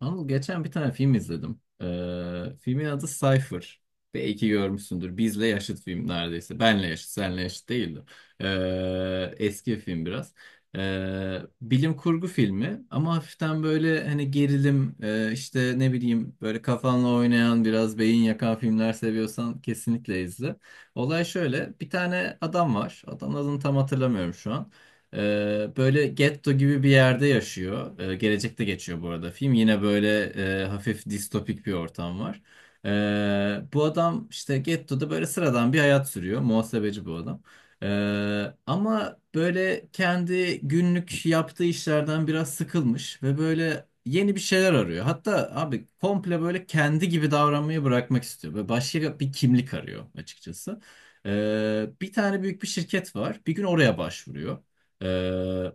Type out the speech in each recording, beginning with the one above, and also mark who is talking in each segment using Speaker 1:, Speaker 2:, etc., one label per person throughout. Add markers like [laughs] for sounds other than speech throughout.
Speaker 1: Anıl geçen bir tane film izledim. Filmin adı Cypher. Belki görmüşsündür. Bizle yaşıt film neredeyse. Benle yaşıt, senle yaşıt değildi. Eski bir film biraz. Bilim kurgu filmi ama hafiften böyle hani gerilim işte ne bileyim böyle kafanla oynayan biraz beyin yakan filmler seviyorsan kesinlikle izle. Olay şöyle, bir tane adam var. Adamın adını tam hatırlamıyorum şu an. Böyle getto gibi bir yerde yaşıyor. Gelecekte geçiyor bu arada film. Yine böyle hafif distopik bir ortam var. Bu adam işte gettoda böyle sıradan bir hayat sürüyor. Muhasebeci bu adam. Ama böyle kendi günlük yaptığı işlerden biraz sıkılmış ve böyle yeni bir şeyler arıyor. Hatta abi komple böyle kendi gibi davranmayı bırakmak istiyor ve başka bir kimlik arıyor açıkçası. Bir tane büyük bir şirket var. Bir gün oraya başvuruyor. Ee,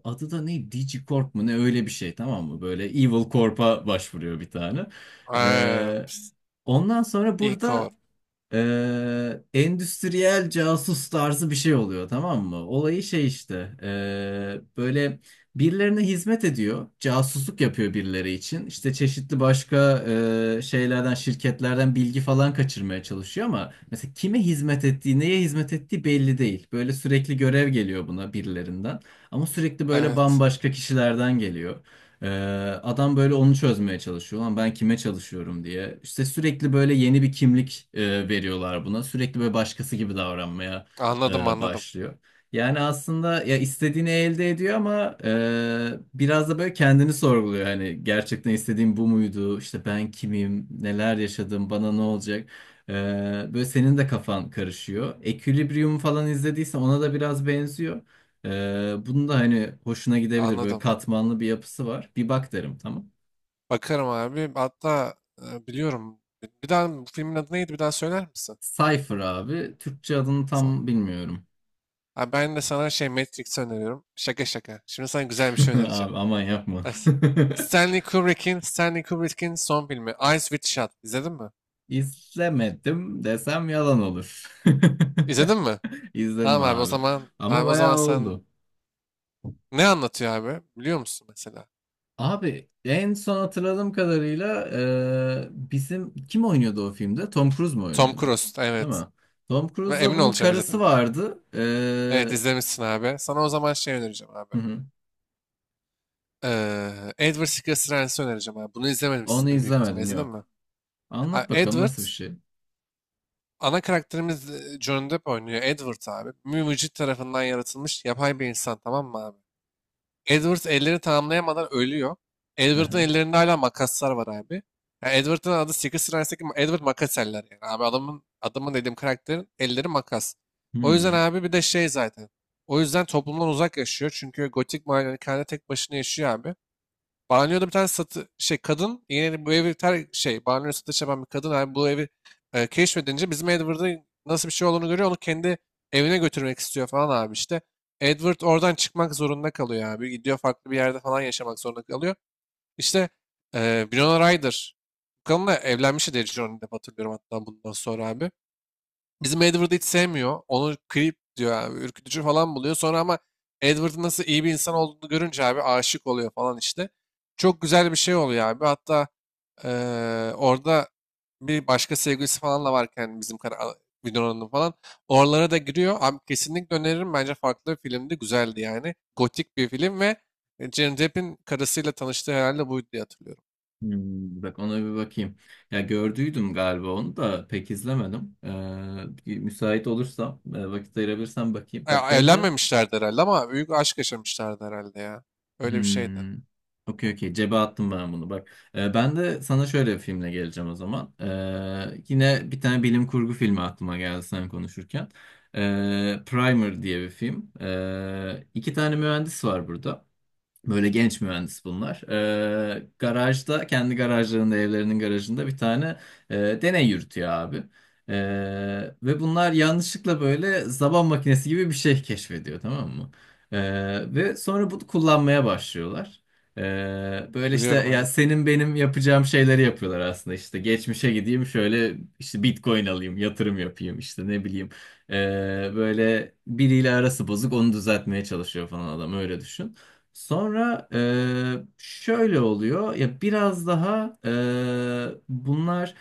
Speaker 1: Adı da ne? DigiCorp mu ne, öyle bir şey, tamam mı? Böyle Evil Corp'a başvuruyor bir tane.
Speaker 2: Eee,
Speaker 1: Ee,
Speaker 2: ps-
Speaker 1: Ondan sonra
Speaker 2: İKOR.
Speaker 1: burada endüstriyel casus tarzı bir şey oluyor, tamam mı? Olayı şey işte böyle birilerine hizmet ediyor. Casusluk yapıyor birileri için. İşte çeşitli başka şeylerden, şirketlerden bilgi falan kaçırmaya çalışıyor ama mesela kime hizmet ettiği, neye hizmet ettiği belli değil. Böyle sürekli görev geliyor buna birilerinden ama sürekli böyle
Speaker 2: Evet.
Speaker 1: bambaşka kişilerden geliyor. Ee, Adam böyle onu çözmeye çalışıyor. Lan ben kime çalışıyorum diye. İşte sürekli böyle yeni bir kimlik veriyorlar buna. Sürekli böyle başkası gibi davranmaya
Speaker 2: Anladım anladım.
Speaker 1: başlıyor. Yani aslında ya istediğini elde ediyor ama biraz da böyle kendini sorguluyor. Hani gerçekten istediğim bu muydu? İşte ben kimim? Neler yaşadım? Bana ne olacak? Ee, Böyle senin de kafan karışıyor. Equilibrium falan izlediysen ona da biraz benziyor. Bunun da hani hoşuna gidebilir. Böyle
Speaker 2: Anladım.
Speaker 1: katmanlı bir yapısı var. Bir bak derim, tamam.
Speaker 2: Bakarım abi. Hatta biliyorum. Bir daha bu filmin adı neydi? Bir daha söyler misin?
Speaker 1: Cypher abi. Türkçe adını
Speaker 2: Sana.
Speaker 1: tam bilmiyorum.
Speaker 2: Abi ben de sana şey Matrix öneriyorum. Şaka şaka. Şimdi sana güzel bir şey
Speaker 1: [laughs]
Speaker 2: önereceğim.
Speaker 1: Abi aman yapma.
Speaker 2: Es-
Speaker 1: [laughs]
Speaker 2: Stanley Kubrick'in son filmi Eyes Wide Shut. İzledin mi?
Speaker 1: İzlemedim desem yalan olur. [laughs]
Speaker 2: İzledin mi?
Speaker 1: İzledim
Speaker 2: Tamam abi, o
Speaker 1: abi.
Speaker 2: zaman abi
Speaker 1: Ama
Speaker 2: o zaman
Speaker 1: bayağı
Speaker 2: sen
Speaker 1: oldu.
Speaker 2: ne anlatıyor abi? Biliyor musun mesela?
Speaker 1: Abi en son hatırladığım kadarıyla bizim kim oynuyordu o filmde? Tom Cruise mu
Speaker 2: Tom
Speaker 1: oynuyordu?
Speaker 2: Cruise.
Speaker 1: Değil
Speaker 2: Evet.
Speaker 1: mi? Tom
Speaker 2: Ve
Speaker 1: Cruise'la
Speaker 2: emin
Speaker 1: bunun
Speaker 2: olacağım,
Speaker 1: karısı
Speaker 2: izledim ben.
Speaker 1: vardı. E,
Speaker 2: Evet, izlemişsin abi. Sana o zaman şey önereceğim abi.
Speaker 1: hı hı.
Speaker 2: Edward Scissorhands'ı önereceğim abi. Bunu
Speaker 1: Onu
Speaker 2: izlememişsindir büyük ihtimalle.
Speaker 1: izlemedim,
Speaker 2: İzledin mi?
Speaker 1: yok.
Speaker 2: Ha,
Speaker 1: Anlat bakalım,
Speaker 2: Edward,
Speaker 1: nasıl bir şey?
Speaker 2: ana karakterimiz Johnny Depp oynuyor. Edward abi. Mümücit tarafından yaratılmış yapay bir insan, tamam mı abi? Edward elleri tamamlayamadan ölüyor. Edward'ın
Speaker 1: Aha.
Speaker 2: ellerinde hala makaslar var abi. Yani Edward'ın adı Secret Service'deki Edward Makaseller yani. Abi adamın dediğim karakterin elleri makas. O yüzden
Speaker 1: Hmm.
Speaker 2: abi bir de şey zaten. O yüzden toplumdan uzak yaşıyor. Çünkü gotik malikanede tek başına yaşıyor abi. Banyoda bir tane satı şey kadın, yine bu evi ter şey banyo satış yapan bir kadın abi, bu evi keşfedince bizim Edward'ın nasıl bir şey olduğunu görüyor, onu kendi evine götürmek istiyor falan abi işte. Edward oradan çıkmak zorunda kalıyor abi. Gidiyor, farklı bir yerde falan yaşamak zorunda kalıyor. İşte Winona Ryder. Bu kadınla evlenmişti diye Johnny Depp hatırlıyorum, hatta bundan sonra abi. Bizim Edward'ı hiç sevmiyor. Onu creep diyor abi. Ürkütücü falan buluyor. Sonra ama Edward'ın nasıl iyi bir insan olduğunu görünce abi aşık oluyor falan işte. Çok güzel bir şey oluyor abi. Hatta eee, orada bir başka sevgilisi falan da varken bizim Winona'nın falan. Oralara da giriyor. Abi kesinlikle öneririm. Bence farklı bir filmdi. Güzeldi yani. Gotik bir film ve Johnny Depp'in karısıyla tanıştığı herhalde buydu diye hatırlıyorum.
Speaker 1: Hmm. Bak ona bir bakayım. Ya gördüydüm galiba, onu da pek izlemedim. Bir müsait olursam, e, vakit ayırabilirsem bakayım. Bak
Speaker 2: Ya,
Speaker 1: benim de
Speaker 2: evlenmemişlerdi herhalde ama büyük aşk yaşamışlardı herhalde ya. Öyle bir şeydi.
Speaker 1: hmm. Okey okey, cebe attım ben bunu bak. Ben de sana şöyle bir filmle geleceğim o zaman. Yine bir tane bilim kurgu filmi aklıma geldi sen konuşurken. Primer diye bir film. İki tane mühendis var burada. Böyle genç mühendis bunlar. Garajda, kendi garajlarında, evlerinin garajında bir tane deney yürütüyor abi. Ee, Ve bunlar yanlışlıkla böyle zaman makinesi gibi bir şey keşfediyor, tamam mı? Ve sonra bunu kullanmaya başlıyorlar. Böyle işte
Speaker 2: Biliyorum,
Speaker 1: ya
Speaker 2: aynen.
Speaker 1: senin benim yapacağım şeyleri yapıyorlar aslında, işte geçmişe gideyim, şöyle işte Bitcoin alayım, yatırım yapayım işte, ne bileyim. Böyle biriyle arası bozuk, onu düzeltmeye çalışıyor falan adam, öyle düşün. Sonra şöyle oluyor ya, biraz daha bunlar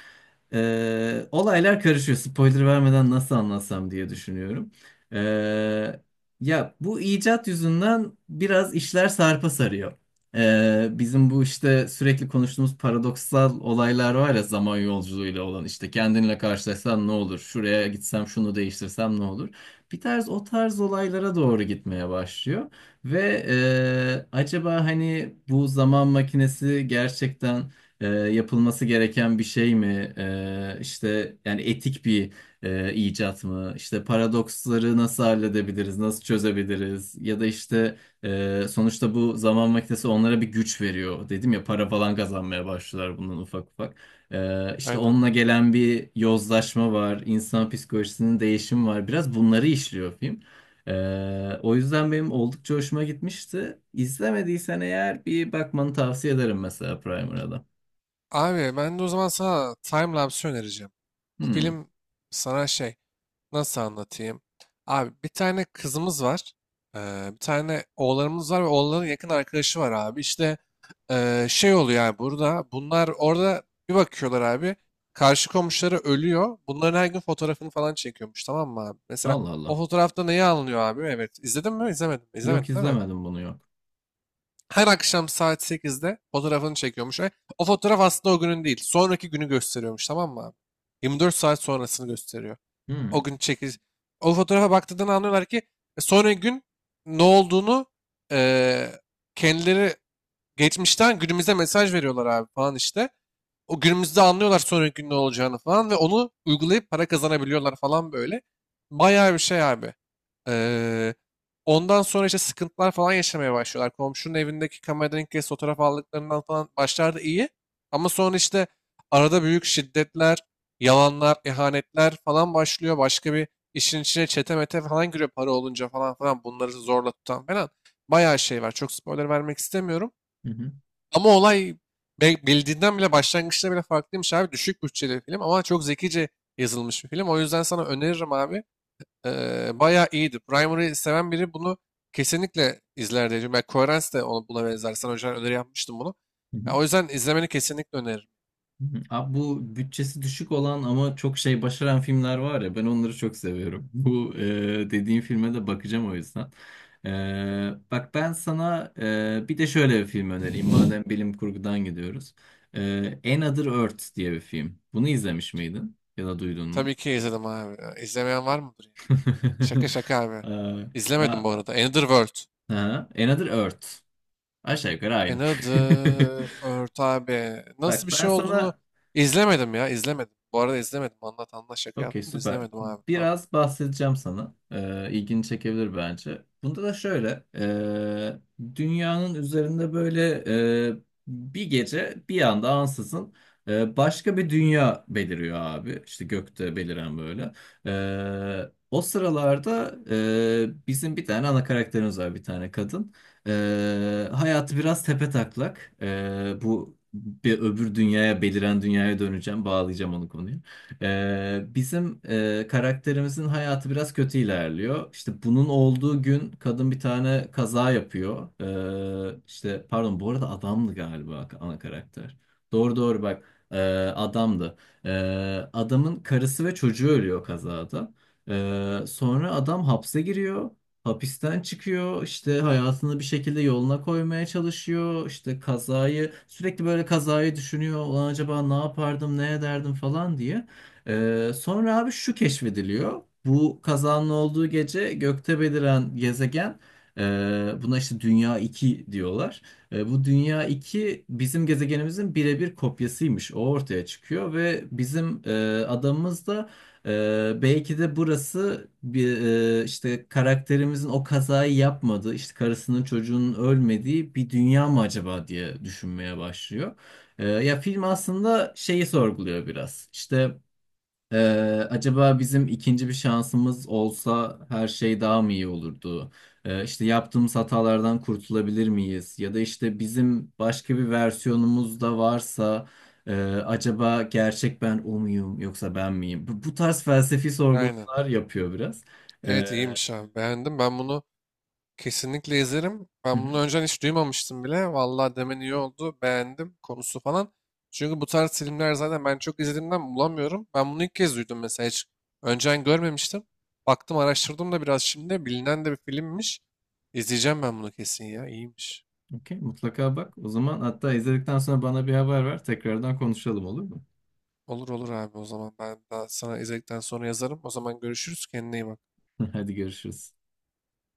Speaker 1: olaylar karışıyor. Spoiler vermeden nasıl anlatsam diye düşünüyorum. Eee, Ya bu icat yüzünden biraz işler sarpa sarıyor. Bizim bu işte sürekli konuştuğumuz paradoksal olaylar var ya zaman yolculuğuyla olan, işte kendinle karşılaşsan ne olur? Şuraya gitsem şunu değiştirsem ne olur? Bir tarz, o tarz olaylara doğru gitmeye başlıyor. Ve acaba hani bu zaman makinesi gerçekten yapılması gereken bir şey mi? E, işte yani etik bir icat mı? İşte paradoksları nasıl halledebiliriz, nasıl çözebiliriz? Ya da işte sonuçta bu zaman makinesi onlara bir güç veriyor. Dedim ya, para falan kazanmaya başlıyorlar bundan ufak ufak. E, işte
Speaker 2: Aynen.
Speaker 1: onunla gelen bir yozlaşma var, insan psikolojisinin değişimi var. Biraz bunları işliyor film. O yüzden benim oldukça hoşuma gitmişti. İzlemediysen eğer bir bakmanı tavsiye ederim mesela Primer'a da.
Speaker 2: Abi ben de o zaman sana timelapse önereceğim. Bu
Speaker 1: Hmm.
Speaker 2: film sana şey, nasıl anlatayım? Abi bir tane kızımız var. Bir tane oğlanımız var ve oğlanın yakın arkadaşı var abi. İşte şey oluyor yani burada. Bunlar orada bir bakıyorlar abi. Karşı komşuları ölüyor. Bunların her gün fotoğrafını falan çekiyormuş, tamam mı abi? Mesela
Speaker 1: Allah
Speaker 2: o
Speaker 1: Allah.
Speaker 2: fotoğrafta neyi anlıyor abi? Evet. İzledin mi? İzlemedin mi?
Speaker 1: Yok
Speaker 2: İzlemedin değil mi?
Speaker 1: izlemedim bunu, yok.
Speaker 2: Her akşam saat sekizde fotoğrafını çekiyormuş ve o fotoğraf aslında o günün değil. Sonraki günü gösteriyormuş, tamam mı abi? 24 saat sonrasını gösteriyor. O
Speaker 1: Hmm.
Speaker 2: gün çekil. O fotoğrafa baktığından anlıyorlar ki sonraki gün ne olduğunu, e, kendileri geçmişten günümüze mesaj veriyorlar abi falan işte. O günümüzde anlıyorlar sonraki gün ne olacağını falan ve onu uygulayıp para kazanabiliyorlar falan, böyle. Bayağı bir şey abi. Ee, ondan sonra işte sıkıntılar falan yaşamaya başlıyorlar. Komşunun evindeki kameradan ilk kez fotoğraf aldıklarından falan, başlarda iyi. Ama sonra işte arada büyük şiddetler, yalanlar, ihanetler falan başlıyor. Başka bir işin içine çete mete falan giriyor, para olunca falan falan bunları zorla tutan falan. Bayağı şey var. Çok spoiler vermek istemiyorum.
Speaker 1: Hı hı.
Speaker 2: Ama olay bildiğinden bile, başlangıçta bile farklıymış abi. Düşük bütçeli bir film ama çok zekice yazılmış bir film. O yüzden sana öneririm abi. Bayağı iyiydi. Primary'i seven biri bunu kesinlikle izler diyeceğim. Ben Coherence de ona, buna benzer. Sana önceden öneri yapmıştım bunu.
Speaker 1: Hı
Speaker 2: Ya,
Speaker 1: hı.
Speaker 2: o yüzden izlemeni kesinlikle öneririm.
Speaker 1: Hı hı. Abi bu bütçesi düşük olan ama çok şey başaran filmler var ya, ben onları çok seviyorum. [laughs] Bu dediğin filme de bakacağım o yüzden. Bak ben sana bir de şöyle bir film önereyim madem bilim kurgudan gidiyoruz. Another Earth diye bir film. Bunu izlemiş miydin ya da duydun mu?
Speaker 2: Tabii ki izledim abi. Ya, İzlemeyen var mıdır ya? Şaka
Speaker 1: [laughs]
Speaker 2: şaka abi.
Speaker 1: Aa.
Speaker 2: İzlemedim
Speaker 1: Aa,
Speaker 2: bu arada. Another World.
Speaker 1: aha, Another Earth. Aşağı yukarı
Speaker 2: E,
Speaker 1: aynı.
Speaker 2: nedir? Ört abi.
Speaker 1: [laughs]
Speaker 2: Nasıl
Speaker 1: Bak
Speaker 2: bir
Speaker 1: ben
Speaker 2: şey olduğunu
Speaker 1: sana
Speaker 2: izlemedim ya. İzlemedim. Bu arada izlemedim. Anlat anlat, şaka
Speaker 1: okey
Speaker 2: yaptım da
Speaker 1: süper.
Speaker 2: izlemedim abi. Tamam.
Speaker 1: Biraz bahsedeceğim sana. İlgini çekebilir bence. Bunda da şöyle. Dünyanın üzerinde böyle ee, bir gece bir anda ansızın başka bir dünya beliriyor abi. İşte gökte beliren böyle. O sıralarda bizim bir tane ana karakterimiz var, bir tane kadın. Hayatı biraz tepetaklak. Bu bir öbür dünyaya, beliren dünyaya döneceğim. Bağlayacağım onu konuya. Bizim karakterimizin hayatı biraz kötü ilerliyor. İşte bunun olduğu gün kadın bir tane kaza yapıyor. İşte pardon, bu arada adamdı galiba ana karakter. Doğru doğru bak, ee, adamdı. Ee, Adamın karısı ve çocuğu ölüyor kazada. Sonra adam hapse giriyor. Hapisten çıkıyor, işte hayatını bir şekilde yoluna koymaya çalışıyor, işte kazayı sürekli böyle kazayı düşünüyor, ulan acaba ne yapardım, ne ederdim falan diye. Sonra abi şu keşfediliyor. Bu kazanın olduğu gece gökte beliren gezegen, e, buna işte Dünya 2 diyorlar. E, bu Dünya 2 bizim gezegenimizin birebir kopyasıymış. O ortaya çıkıyor ve bizim adamımız da belki de burası bir, işte karakterimizin o kazayı yapmadığı, işte karısının çocuğunun ölmediği bir dünya mı acaba diye düşünmeye başlıyor. E, ya film aslında şeyi sorguluyor biraz. İşte ee, acaba bizim ikinci bir şansımız olsa her şey daha mı iyi olurdu? İşte yaptığımız hatalardan kurtulabilir miyiz? Ya da işte bizim başka bir versiyonumuz da varsa, acaba gerçek ben o muyum yoksa ben miyim? Bu, bu tarz felsefi
Speaker 2: Aynen.
Speaker 1: sorgulamalar yapıyor biraz.
Speaker 2: Evet,
Speaker 1: Ee,
Speaker 2: iyiymiş abi. Beğendim. Ben bunu kesinlikle izlerim.
Speaker 1: hı
Speaker 2: Ben
Speaker 1: hı.
Speaker 2: bunu önceden hiç duymamıştım bile. Vallahi demen iyi oldu. Beğendim konusu falan. Çünkü bu tarz filmler zaten ben çok izlediğimden bulamıyorum. Ben bunu ilk kez duydum mesela. Hiç önceden görmemiştim. Baktım, araştırdım da biraz şimdi. Bilinen de bir filmmiş. İzleyeceğim ben bunu kesin ya. İyiymiş.
Speaker 1: Okey, mutlaka bak. O zaman hatta izledikten sonra bana bir haber ver. Tekrardan konuşalım, olur mu?
Speaker 2: Olur olur abi, o zaman ben daha sana izledikten sonra yazarım. O zaman görüşürüz, kendine iyi bak.
Speaker 1: [laughs] Hadi görüşürüz.